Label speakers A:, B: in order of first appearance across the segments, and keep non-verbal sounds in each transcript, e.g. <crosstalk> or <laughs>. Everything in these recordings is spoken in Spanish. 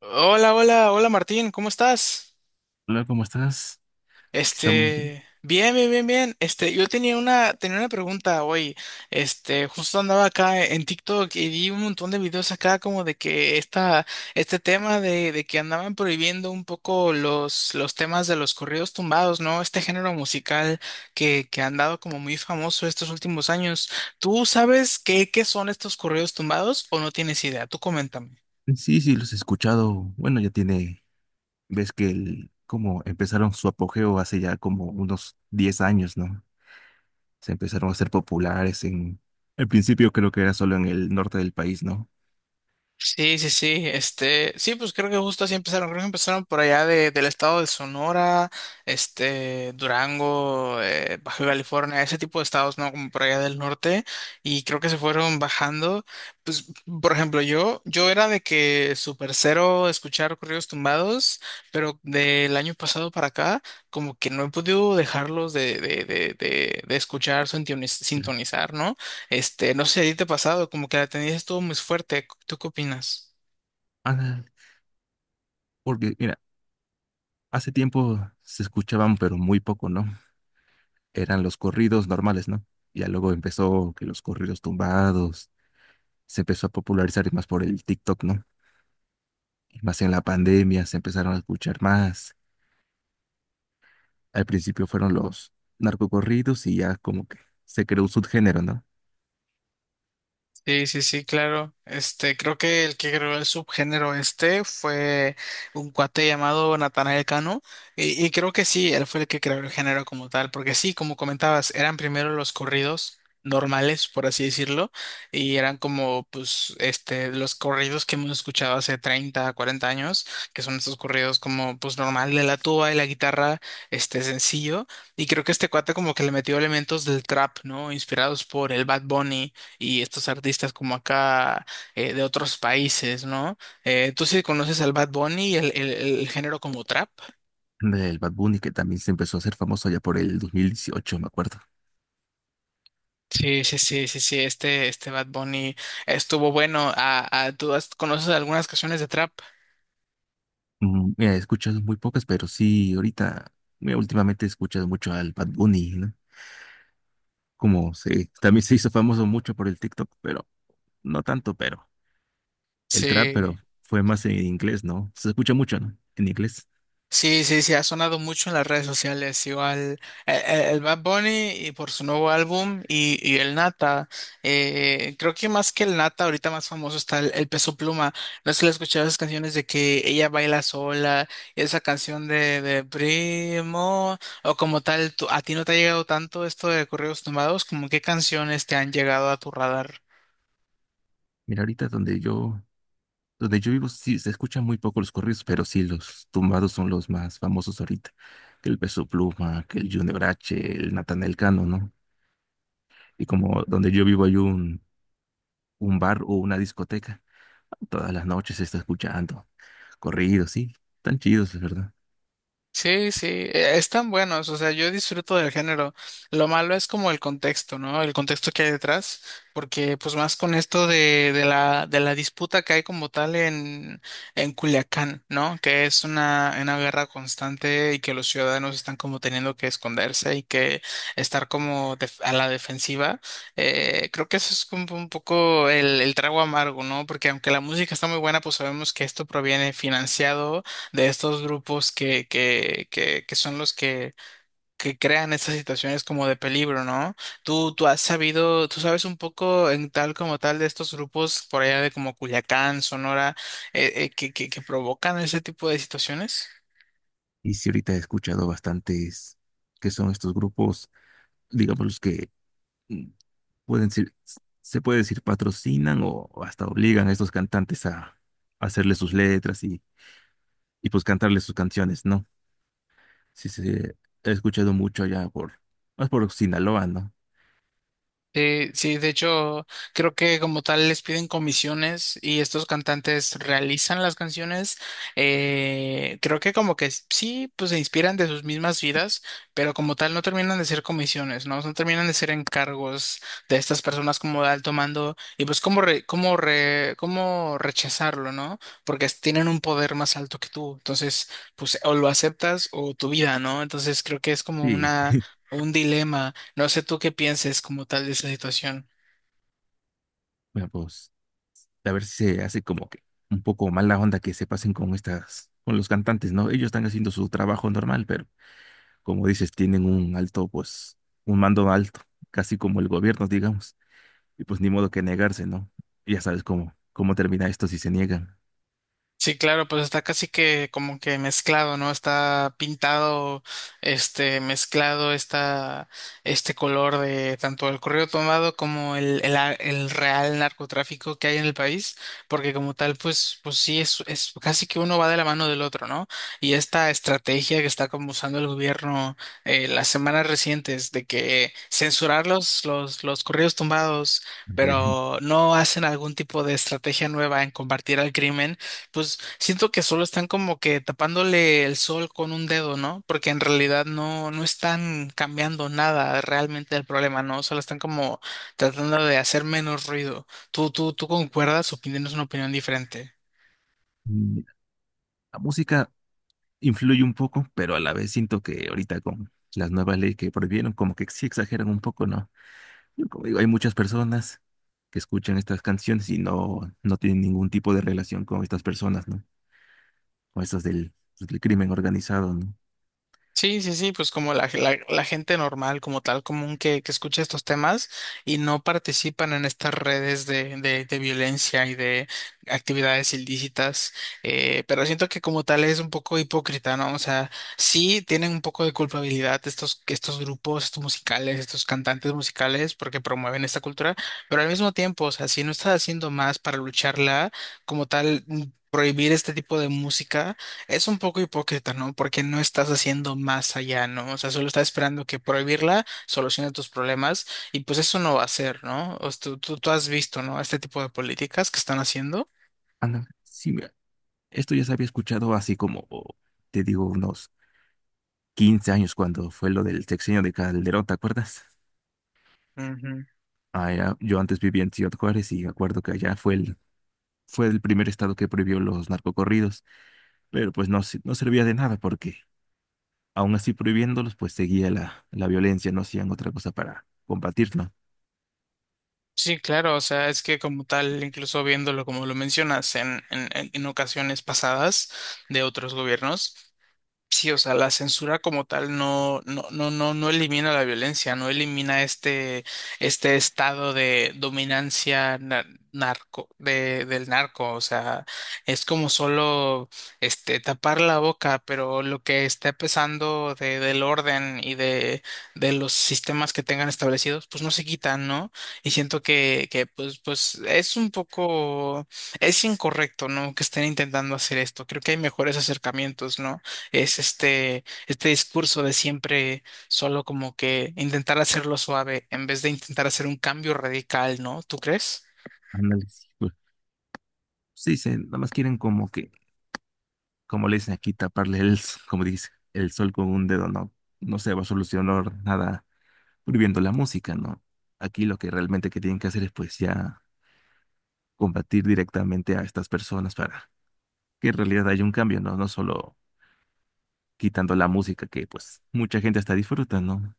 A: Hola, hola, hola Martín, ¿cómo estás?
B: Hola, ¿cómo estás? Aquí estamos.
A: Bien, bien, bien, bien. Yo tenía una pregunta hoy. Justo andaba acá en TikTok y vi un montón de videos acá como de que este tema de que andaban prohibiendo un poco los temas de los corridos tumbados, ¿no? Este género musical que ha andado como muy famoso estos últimos años. ¿Tú sabes qué son estos corridos tumbados o no tienes idea? Tú coméntame.
B: Sí, sí, los he escuchado. Bueno, ya tiene, ves que el, como empezaron su apogeo hace ya como unos 10 años, ¿no? Se empezaron a hacer populares en, al principio creo que era solo en el norte del país, ¿no?
A: Sí, sí, sí, sí, pues creo que justo así empezaron, creo que empezaron por allá del estado de Sonora, Durango, Baja California, ese tipo de estados, ¿no? Como por allá del norte, y creo que se fueron bajando, pues, por ejemplo, yo era de que super cero escuchar corridos tumbados, pero del año pasado para acá, como que no he podido dejarlos de escuchar,
B: Ya.
A: sintonizar, ¿no? No sé, ¿a ti te ha pasado? Como que la tendencia estuvo muy fuerte. ¿Tú qué opinas?
B: Ah, porque, mira, hace tiempo se escuchaban, pero muy poco, ¿no? Eran los corridos normales, ¿no? Ya luego empezó que los corridos tumbados se empezó a popularizar y más por el TikTok, ¿no? Y más en la pandemia se empezaron a escuchar más. Al principio fueron los narcocorridos y ya como que se creó un subgénero, ¿no?
A: Sí, sí, sí, claro. Creo que el que creó el subgénero este fue un cuate llamado Natanael Cano. Y creo que sí, él fue el que creó el género como tal. Porque sí, como comentabas, eran primero los corridos normales, por así decirlo. Y eran como, pues, los corridos que hemos escuchado hace 30, 40 años, que son estos corridos como, pues, normal de la tuba y la guitarra, sencillo. Y creo que este cuate como que le metió elementos del trap, ¿no? Inspirados por el Bad Bunny y estos artistas como acá de otros países, ¿no? ¿Tú sí conoces al Bad Bunny, el género como trap?
B: Del Bad Bunny que también se empezó a hacer famoso ya por el 2018, me acuerdo.
A: Sí, sí, sí, sí, sí, este Bad Bunny estuvo bueno. Ah, ah, ¿tú conoces algunas canciones de trap?
B: Mm, mira, he escuchado muy pocas, pero sí, ahorita, mira, últimamente he escuchado mucho al Bad Bunny, ¿no? Como se, también se hizo famoso mucho por el TikTok, pero no tanto, pero el trap, pero
A: Sí.
B: fue más en inglés, ¿no? Se escucha mucho, ¿no? En inglés.
A: Sí, sí, sí, ha sonado mucho en las redes sociales, igual el Bad Bunny y por su nuevo álbum y el Nata, creo que más que el Nata, ahorita más famoso está el Peso Pluma, no sé si le has escuchado esas canciones de que ella baila sola, y esa canción de Primo, o como tal, ¿a ti no te ha llegado tanto esto de corridos tumbados? ¿Cómo qué canciones te han llegado a tu radar?
B: Mira, ahorita donde yo vivo sí se escuchan muy poco los corridos, pero sí los tumbados son los más famosos ahorita. Que el Peso Pluma, que el Junior H, el Natanael Cano, ¿no? Y como donde yo vivo hay un bar o una discoteca, todas las noches se está escuchando corridos, sí, tan chidos, es verdad.
A: Sí, sí, están buenos, o sea, yo disfruto del género. Lo malo es como el contexto, ¿no? El contexto que hay detrás, porque pues más con esto de la disputa que hay como tal en Culiacán, ¿no? Que es una guerra constante y que los ciudadanos están como teniendo que esconderse y que estar como a la defensiva. Creo que eso es como un poco el trago amargo, ¿no? Porque aunque la música está muy buena, pues sabemos que esto proviene financiado de estos grupos que son los que crean estas situaciones como de peligro, ¿no? Tú has sabido, tú sabes un poco en tal como tal de estos grupos por allá de como Culiacán, Sonora, que provocan ese tipo de situaciones.
B: Y sí ahorita he escuchado bastantes que son estos grupos, digamos los que mm, pueden ser, se puede decir patrocinan o hasta obligan a estos cantantes a hacerle sus letras y pues cantarle sus canciones, ¿no? Sí, sí, he escuchado mucho allá por, más por Sinaloa, ¿no?
A: Sí, sí, de hecho, creo que como tal les piden comisiones y estos cantantes realizan las canciones. Creo que como que sí, pues se inspiran de sus mismas vidas, pero como tal no terminan de ser comisiones, ¿no? No terminan de ser encargos de estas personas como de alto mando y pues cómo rechazarlo, ¿no? Porque tienen un poder más alto que tú. Entonces, pues o lo aceptas o tu vida, ¿no? Entonces creo que es como
B: Sí,
A: un dilema. No sé tú qué pienses como tal de esa situación.
B: bueno, pues a ver si se hace como que un poco mala onda que se pasen con estas, con los cantantes, ¿no? Ellos están haciendo su trabajo normal, pero como dices, tienen un alto, pues, un mando alto, casi como el gobierno, digamos, y pues ni modo que negarse, ¿no? Ya sabes cómo, cómo termina esto si se niegan.
A: Sí, claro, pues está casi que como que mezclado, ¿no? Está pintado, mezclado está este color de tanto el correo tomado como el real narcotráfico que hay en el país, porque como tal, pues, sí, es casi que uno va de la mano del otro, ¿no? Y esta estrategia que está como usando el gobierno las semanas recientes de que censurar los correos tumbados,
B: Ándale.
A: pero no hacen algún tipo de estrategia nueva en combatir al crimen, pues siento que solo están como que tapándole el sol con un dedo, ¿no? Porque en realidad no están cambiando nada realmente del problema, ¿no? Solo están como tratando de hacer menos ruido. ¿Tú concuerdas o tienes una opinión diferente?
B: Mm, la música influye un poco, pero a la vez siento que ahorita con las nuevas leyes que prohibieron, como que sí exageran un poco, ¿no? Como digo, hay muchas personas que escuchan estas canciones y no, no tienen ningún tipo de relación con estas personas, ¿no? Con estas del, pues, del crimen organizado, ¿no?
A: Sí, sí, sí, pues como la gente normal, como tal común que escucha estos temas y no participan en estas redes de violencia y de actividades ilícitas, pero siento que como tal es un poco hipócrita, ¿no? O sea, sí tienen un poco de culpabilidad estos grupos, estos musicales, estos cantantes musicales, porque promueven esta cultura, pero al mismo tiempo, o sea, si no estás haciendo más para lucharla, como tal prohibir este tipo de música es un poco hipócrita, ¿no? Porque no estás haciendo más allá, ¿no? O sea, solo estás esperando que prohibirla solucione tus problemas y pues eso no va a ser, ¿no? O sea, tú has visto, ¿no? Este tipo de políticas que están haciendo.
B: Ana, sí, mira, esto ya se había escuchado así como, o, te digo, unos 15 años cuando fue lo del sexenio de Calderón, ¿te acuerdas?
A: Ujú.
B: Ah, era- yo antes vivía en Ciudad Juárez y me acuerdo que allá fue el primer estado que prohibió los narcocorridos, pero pues no, se- no servía de nada porque aún así prohibiéndolos, pues seguía la, la violencia, no hacían otra cosa para combatirlo.
A: Sí, claro, o sea, es que como tal, incluso viéndolo como lo mencionas en ocasiones pasadas de otros gobiernos, sí, o sea, la censura como tal no elimina la violencia, no elimina este estado de dominancia narco, del narco. O sea, es como solo tapar la boca, pero lo que está pesando del orden y de los sistemas que tengan establecidos, pues no se quitan, ¿no? Y siento que pues es un poco, es incorrecto, ¿no? Que estén intentando hacer esto. Creo que hay mejores acercamientos, ¿no? Es este discurso de siempre, solo como que intentar hacerlo suave en vez de intentar hacer un cambio radical, ¿no? ¿Tú crees?
B: Ándale, sí, güey. Sí, dicen, nada más quieren como que, como le dicen aquí, taparle el, s- como dice, el sol con un dedo, no, no se va a solucionar nada prohibiendo la música, ¿no? Aquí lo que realmente que tienen que hacer es pues ya combatir directamente a estas personas para que en realidad haya un cambio, ¿no? No solo quitando la música que pues mucha gente hasta disfruta, ¿no?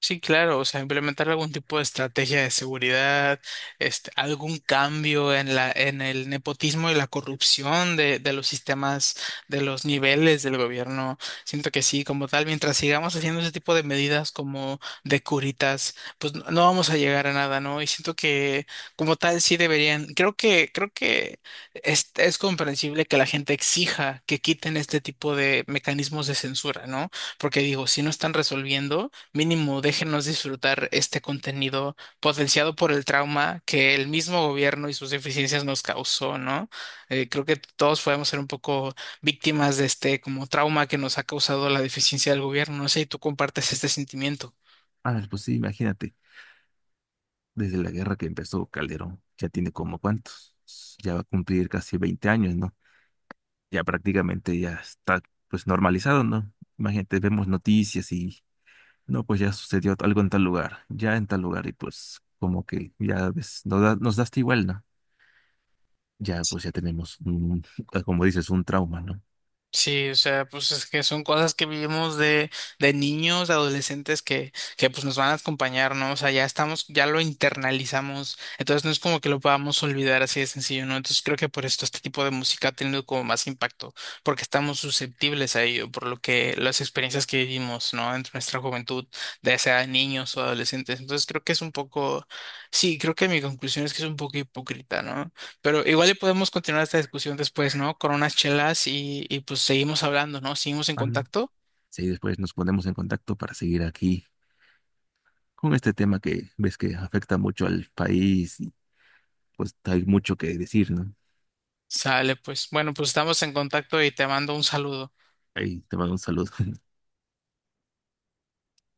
A: Sí, claro, o sea, implementar algún tipo de estrategia de seguridad, algún cambio en el nepotismo y la corrupción de los sistemas, de los niveles del gobierno. Siento que sí, como tal, mientras sigamos haciendo ese tipo de medidas como de curitas, pues no vamos a llegar a nada, ¿no? Y siento que como tal sí deberían, creo que es comprensible que la gente exija que quiten este tipo de mecanismos de censura, ¿no? Porque digo, si no están resolviendo, mínimo déjenos disfrutar este contenido potenciado por el trauma que el mismo gobierno y sus deficiencias nos causó, ¿no? Creo que todos podemos ser un poco víctimas de este como trauma que nos ha causado la deficiencia del gobierno. No sé si tú compartes este sentimiento.
B: Ah, pues sí, imagínate, desde la guerra que empezó Calderón, ya tiene como cuántos, ya va a cumplir casi 20 años, ¿no? Ya prácticamente ya está pues normalizado, ¿no? Imagínate, vemos noticias y no, pues ya sucedió algo en tal lugar, ya en tal lugar y pues como que ya ves, nos da hasta igual, ¿no? Ya pues ya tenemos un, <laughs> como dices, un trauma, ¿no?
A: Sí, o sea, pues es que son cosas que vivimos de niños, de adolescentes que pues nos van a acompañar, ¿no? O sea, ya estamos, ya lo internalizamos, entonces no es como que lo podamos olvidar así de sencillo, ¿no? Entonces creo que por esto este tipo de música ha tenido como más impacto, porque estamos susceptibles a ello, por lo que las experiencias que vivimos, ¿no? En nuestra juventud, ya sea niños o adolescentes. Entonces creo que es un poco, sí, creo que mi conclusión es que es un poco hipócrita, ¿no? Pero igual y podemos continuar esta discusión después, ¿no? Con unas chelas y pues seguimos hablando, ¿no? Seguimos en
B: Ah, no.
A: contacto.
B: Sí, después nos ponemos en contacto para seguir aquí con este tema que ves que afecta mucho al país y pues hay mucho que decir, ¿no?
A: Sale, pues. Bueno, pues estamos en contacto y te mando un saludo.
B: Ahí te mando un saludo. <laughs>